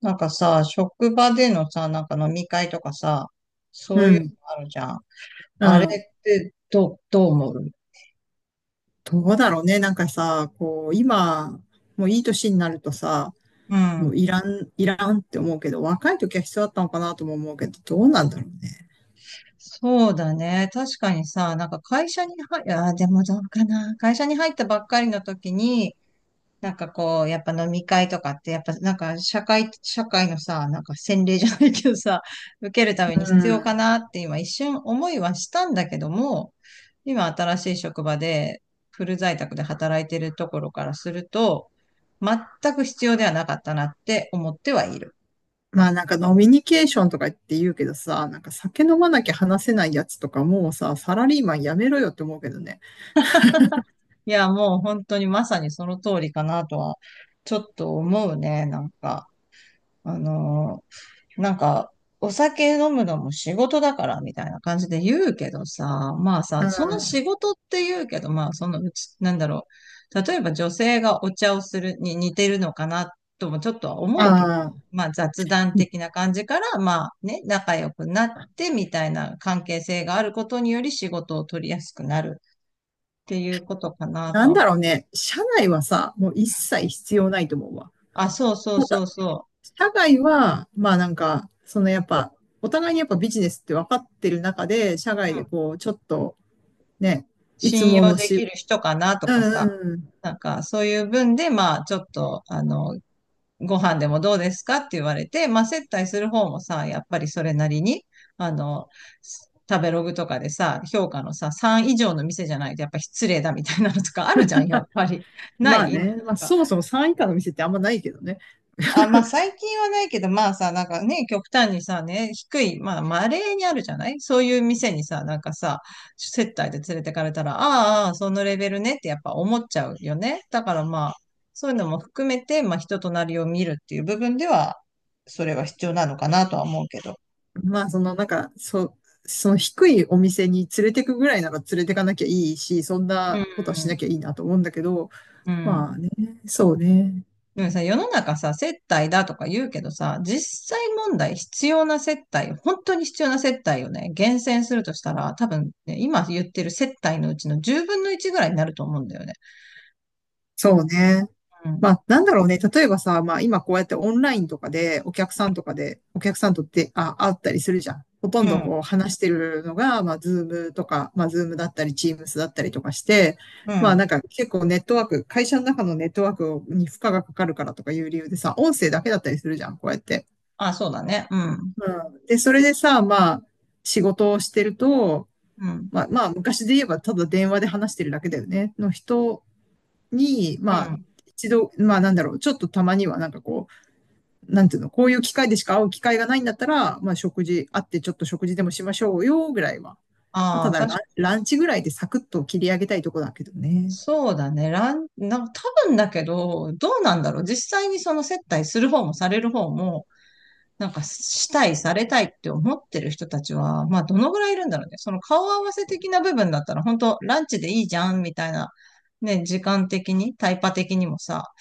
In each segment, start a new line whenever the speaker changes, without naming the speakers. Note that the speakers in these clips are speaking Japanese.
なんかさ、職場でのさ、飲み会とかさ、そ
う
ういう
ん、
のあるじゃん。
う
あれっ
ん。
てどう思う？
どうだろうね。なんかさ、こう、今、もういい年になるとさ、
う
もう
ん。
いらん、いらんって思うけど、若い時は必要だったのかなとも思うけど、どうなんだろうね。
そうだね。確かにさ、会社に入、あー、でもどうかな。会社に入ったばっかりの時に、やっぱ飲み会とかって、やっぱ社会のさ、なんか洗礼じゃないけどさ、受けるために
う
必要か
ん。
なって今一瞬思いはしたんだけども、今新しい職場でフル在宅で働いてるところからすると、全く必要ではなかったなって思ってはいる。
まあなんか飲みニケーションとか言って言うけどさ、なんか酒飲まなきゃ話せないやつとかもうさ、サラリーマンやめろよって思うけどね。
いや、もう本当にまさにその通りかなとは、ちょっと思うね、なんか。あのーなんか、お酒飲むのも仕事だからみたいな感じで言うけどさ、まあ
う
さ、
ん。
その
あ
仕事って言うけど、まあそのうち、なんだろう。例えば女性がお茶をするに似てるのかなともちょっとは思うけど、
あ、
まあ雑談的な感じから、まあね、仲良くなってみたいな関係性があることにより仕事を取りやすくなるっていうことかな
なんだ
と。
ろうね。社内はさ、もう一切必要ないと思うわ。
あ、そうそうそうそ
社外は、まあなんか、そのやっぱ、お互いにやっぱビジネスって分かってる中で、社外で
う。
こう、ちょっとね、いつ
信
も
用
の
でき
し、
る人かなと
うん
かさ、
うん。
なんかそういう分で、まあちょっと、ご飯でもどうですかって言われて、まあ接待する方もさ、やっぱりそれなりに、あの、食べログとかでさ、評価のさ、3以上の店じゃないとやっぱ失礼だみたいなのとかあるじゃん、やっぱり。な
ま
い
あ
なん
ね、まあ
か、
そもそも3以下の店ってあんまないけどね。
あ、まあ最近はないけど、まあさ、なんかね、極端にさ、ね、低い、まあ稀にあるじゃないそういう店にさ、なんかさ、接待で連れてかれたら、ああ、ああそのレベルねってやっぱ思っちゃうよね。だからまあ、そういうのも含めて、まあ人となりを見るっていう部分では、それは必要なのかなとは思うけど。
まあそのなんか、その低いお店に連れてくぐらいなら連れてかなきゃいいし、そん
う
なことはしなき
ん、
ゃいいなと思うんだけど、
うん。
まあね、そうね。
でもさ、世の中さ、接待だとか言うけどさ、実際問題必要な接待、本当に必要な接待をね、厳選するとしたら、多分ね、今言ってる接待のうちの10分の1ぐらいになると思うんだよね。
そうね。
う
ま
ん。
あ、なんだろうね。例えばさ、まあ今こうやってオンラインとかでお客さんとかで、お客さんとって、あ、会ったりするじゃん。ほと
う
んど
ん。
こう話してるのが、まあズームとか、まあズームだったり、チームスだったりとかして、
う
まあ
ん。
なんか結構ネットワーク、会社の中のネットワークに負荷がかかるからとかいう理由でさ、音声だけだったりするじゃん、こうやって。
あ、そうだね。うん。
うん。で、それでさ、まあ仕事をしてると、
うん。
まあまあ昔で言えばただ電話で話してるだけだよね。の人に、
う
まあ
ん。
一度、まあなんだろう、ちょっとたまにはなんかこう、なんていうの、こういう機会でしか会う機会がないんだったら、まあ食事、会ってちょっと食事でもしましょうよ、ぐらいは。まあ、
あ
た
あ、
だラン、
確か
ランチぐらいでサクッと切り上げたいとこだけどね。
そうだね。ラン、なんか多分だけど、どうなんだろう。実際にその接待する方もされる方も、なんかしたい、されたいって思ってる人たちは、まあどのぐらいいるんだろうね。その顔合わせ的な部分だったら、本当ランチでいいじゃん、みたいな、ね、時間的に、タイパ的にもさ、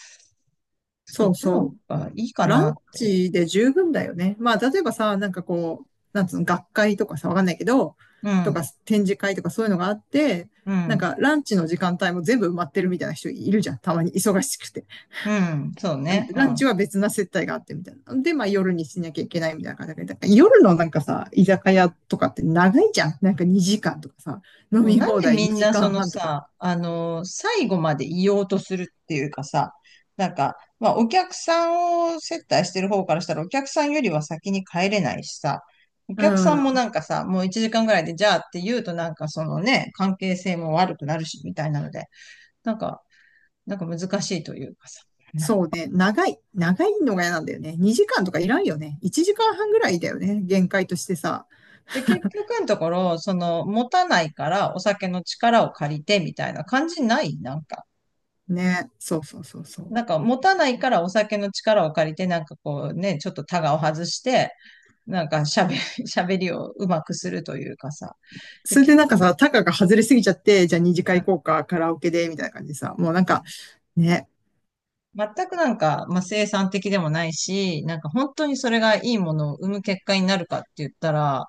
そ
そ
っ
う
ちの
そ
方がいいか
う。ラン
な。
チで十分だよね。まあ、例えばさ、なんかこう、なんつうの、学会とかさ、わかんないけど、
う
とか
ん、
展示会とかそういうのがあって、
う
なん
ん、
かランチの時間帯も全部埋まってるみたいな人いるじゃん。たまに忙しくて。
うん、そうね、う
ラン
ん。
チは別な接待があってみたいな。で、まあ夜にしなきゃいけないみたいな感じで、だから夜のなんかさ、居酒屋とかって長いじゃん。なんか2時間とかさ、飲
そう
み
なん
放
で
題
みん
2
な
時
その
間半とか
さ、
さ。
最後まで言おうとするっていうかさ、まあ、お客さんを接待してる方からしたら、お客さんよりは先に帰れないしさ、お
う
客さんも
ん。
なんかさ、もう1時間ぐらいで、じゃあって言うとなんかそのね、関係性も悪くなるし、みたいなので、なんか、なんか難しいというかさ。
そうね。長い。長いのが嫌なんだよね。2時間とかいらんよね。1時間半ぐらいだよね。限界としてさ。
で、結局のところ、その、持たないからお酒の力を借りて、みたいな感じないなんか。
ね。そうそうそうそう。
なんか持たないからお酒の力を借りて、なんかこうね、ちょっとタガを外して、なんか喋、喋りをうまくするというかさ。で
それで
結
なんかさ、タカが外れすぎちゃって、じゃあ
う
2次会
ん、
行こうか、カラオケで、みたいな感じでさ、もうなんか、ね、
全くなんか、まあ、生産的でもないし、なんか本当にそれがいいものを生む結果になるかって言ったら、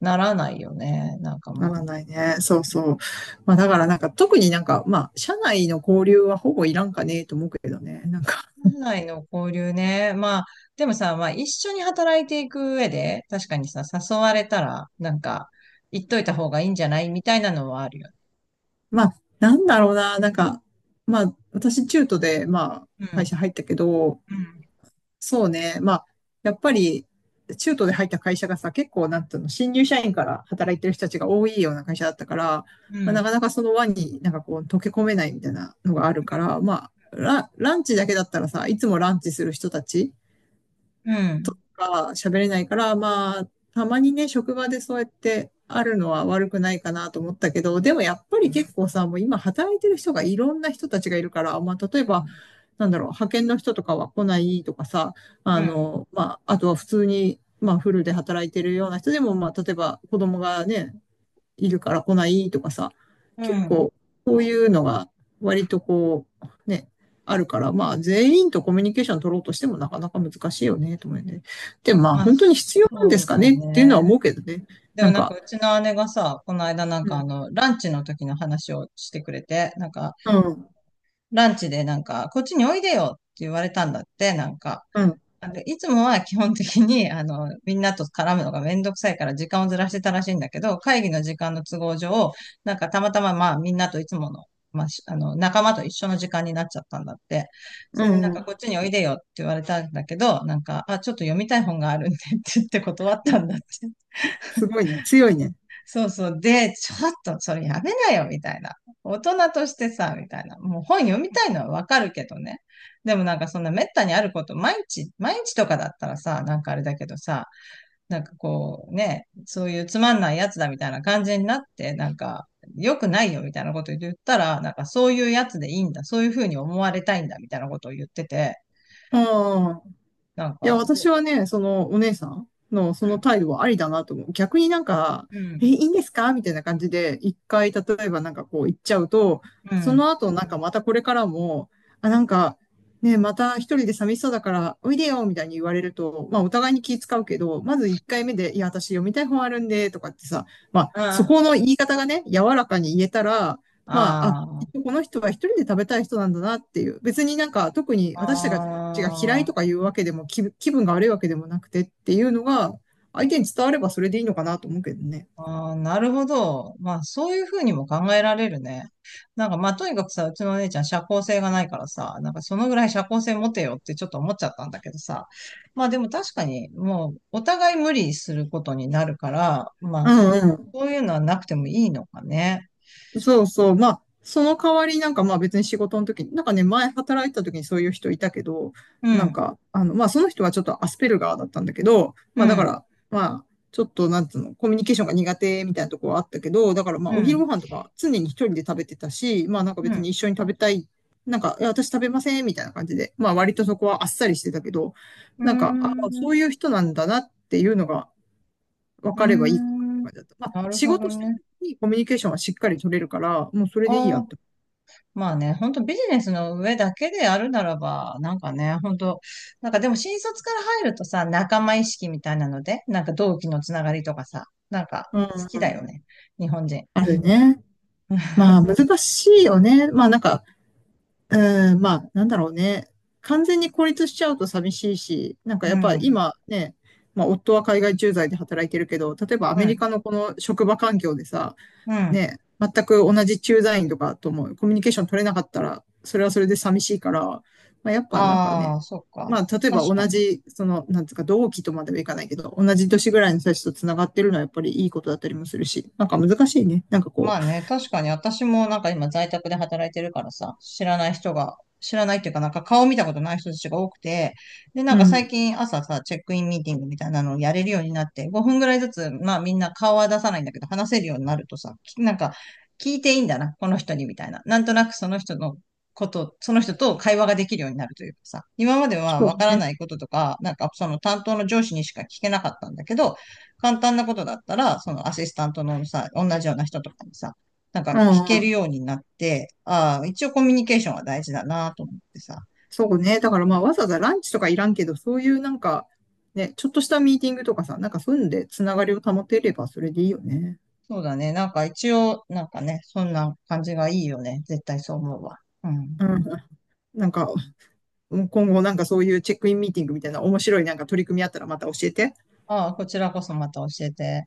ならないよね。なんか
な
まあ、
らないね。そうそう。まあだからなんか特になんかまあ社内の交流はほぼいらんかねえと思うけどね。なんか
本来の交流ね。まあ、でもさ、まあ一緒に働いていく上で、確かにさ、誘われたら、なんか、言っといた方がいいんじゃないみたいなのはあるよね。
まあなんだろうな。なんかまあ私中途でま
う
あ会
ん。
社入ったけど、
うん。
そうね。まあやっぱり中途で入った会社がさ結構なんていうの新入社員から働いてる人たちが多いような会社だったから、
う
まあ、な
ん。
かなかその輪になんかこう溶け込めないみたいなのがあるから、まあランチだけだったらさ、いつもランチする人たち
うん。
か喋れないから、まあ、たまにね、職場でそうやってあるのは悪くないかなと思ったけど、でもやっぱり結
う
構さ、もう今働いてる人がいろんな人たちがいるから、まあ、例えば、
ん。
なんだろう、派遣の人とかは来ないとかさ、あ
うん。
の、まあ、あとは普通に、まあ、フルで働いてるような人でも、まあ、例えば子供がね、いるから来ないとかさ、
う
結
ん。
構こういうのが割とこう、ね、あるから、まあ全員とコミュニケーション取ろうとしてもなかなか難しいよね、と思うよね。でもまあ
あ、
本当に必要なんで
そ
す
う
か
だ
ねっていうのは
ね。
思うけどね。
で
な
も
ん
なんか
か、
うちの姉がさ、この間なん
う
かあ
ん、
の、ランチの時の話をしてくれて、
うん、
ランチでなんか、こっちにおいでよって言われたんだって、なんか。
う
あの、いつもは基本的に、あの、みんなと絡むのがめんどくさいから時間をずらしてたらしいんだけど、会議の時間の都合上、なんかたまたままあみんなといつもの、まあ、しあの、仲間と一緒の時間になっちゃったんだって。
ん、
それでなん
う
か
ん、
こっちにおいでよって言われたんだけど、なんか、あ、ちょっと読みたい本があるんでって言って断ったんだって。
すごいね、強いね。
そうそう。で、ちょっとそれやめなよ、みたいな。大人としてさ、みたいな。もう本読みたいのはわかるけどね。でもなんかそんな滅多にあること、毎日、毎日とかだったらさ、なんかあれだけどさ、なんかこうね、そういうつまんないやつだみたいな感じになって、なんか良くないよみたいなこと言ったら、なんかそういうやつでいいんだ、そういうふうに思われたいんだみたいなことを言ってて、
うん。
なん
いや、
か、
私はね、そのお姉さんのそ
う
の
ん、
態度はありだなと思う。逆になんか、
う
え、い
ん、
いんですかみたいな感じで、一回、例えばなんかこう言っちゃうと、
う
そ
ん、
の後なんかまたこれからも、あ、なんか、ね、また一人で寂しそうだから、おいでよみたいに言われると、まあお互いに気使うけど、まず一回目で、いや、私読みたい本あるんで、とかってさ、まあそ
あ
この言い方がね、柔らかに言えたら、まあ、あ、き
あ、
っとこの人は一人で食べたい人なんだなっていう。別になんか特に
あ
私たちがちが嫌い
あ、
とかいうわけでも、気分が悪いわけでもなくてっていうのが、相手に伝わればそれでいいのかなと思うけどね。
ああ、なるほど。まあ、そういうふうにも考えられるね。なんか、まあ、とにかくさ、うちのお姉ちゃん社交性がないからさ、なんかそのぐらい社交性持てよってちょっと思っちゃったんだけどさ。まあ、でも確かに、もう、お互い無理することになるから、まあ、
うん
そ
うん。
ういうのはなくてもいいのかね。
そうそう。まあ、その代わりなんかまあ別に仕事の時に、なんかね、前働いた時にそういう人いたけど、
う
なん
ん、
か、あの、まあその人はちょっとアスペルガーだったんだけど、
う
まあだか
ん、
ら、まあ、ちょっとなんつうの、コミュニケーションが苦手みたいなとこはあったけど、だからま
う
あお昼
ん、
ご飯とか常に一人で食べてたし、まあなんか
う
別に
ん。
一緒に食べたい、なんか、いや私食べませんみたいな感じで、まあ割とそこはあっさりしてたけど、
うー
なんか、ああ、
ん、
そういう人なんだなっていうのが、分
うー
かればいいかなって
ん。
感じだった。まあ、
なる
仕
ほど
事してる
ね。
時にコミュニケーションはしっかり取れるから、もうそれでいいや
ああ、
って。
まあね、本当ビジネスの上だけであるならば、なんかね、本当なんかでも新卒から入るとさ、仲間意識みたいなので、なんか同期のつながりとかさ、なんか
う
好
ん
き
う
だよ
ん。
ね、日本人。
あるね。まあ、難しいよね。まあ、なんか、うん、まあ、なんだろうね。完全に孤立しちゃうと寂しいし、なんか
う
やっ
ん、
ぱ
うん、
今ね、まあ、夫は海外駐在で働いてるけど、例えばアメリカのこの職場環境でさ、
うん。
ね、全く同じ駐在員とかともコミュニケーション取れなかったら、それはそれで寂しいから、まあ、やっぱなんかね、
ああ、そっか。
まあ、例えば
確
同
かに。
じ、その、なんつうか、同期とまではいかないけど、同じ年ぐらいの人たちと繋がってるのはやっぱりいいことだったりもするし、なんか難しいね。なんか
ま
こ
あね、確かに私もなんか今在宅で働いてるからさ、知らない人が、知らないっていうかなんか顔見たことない人たちが多くて、で、な
う、
ん
う
か最
ん、
近朝さ、チェックインミーティングみたいなのをやれるようになって、5分ぐらいずつ、まあみんな顔は出さないんだけど、話せるようになるとさ、き、なんか聞いていいんだな、この人にみたいな。なんとなくその人のこと、その人と会話ができるようになるというかさ、今までは
そ
わか
う
ら
ね。
ないこととか、なんかその担当の上司にしか聞けなかったんだけど、簡単なことだったら、そのアシスタントのさ、同じような人とかにさ、なん
う
か聞ける
ん、
ようになって、ああ、一応コミュニケーションは大事だなと思ってさ。
そうね。だからまあ、わざわざランチとかいらんけど、そういうなんか、ね、ちょっとしたミーティングとかさ、なんかそういうので繋がりを保てればそれでいいよね。
そうだね。なんか一応、なんかね、そんな感じがいいよね。絶対そう思うわ。うん。
うん、なんか、うん今後なんかそういうチェックインミーティングみたいな面白いなんか取り組みあったらまた教えて。
ああ、こちらこそまた教えて。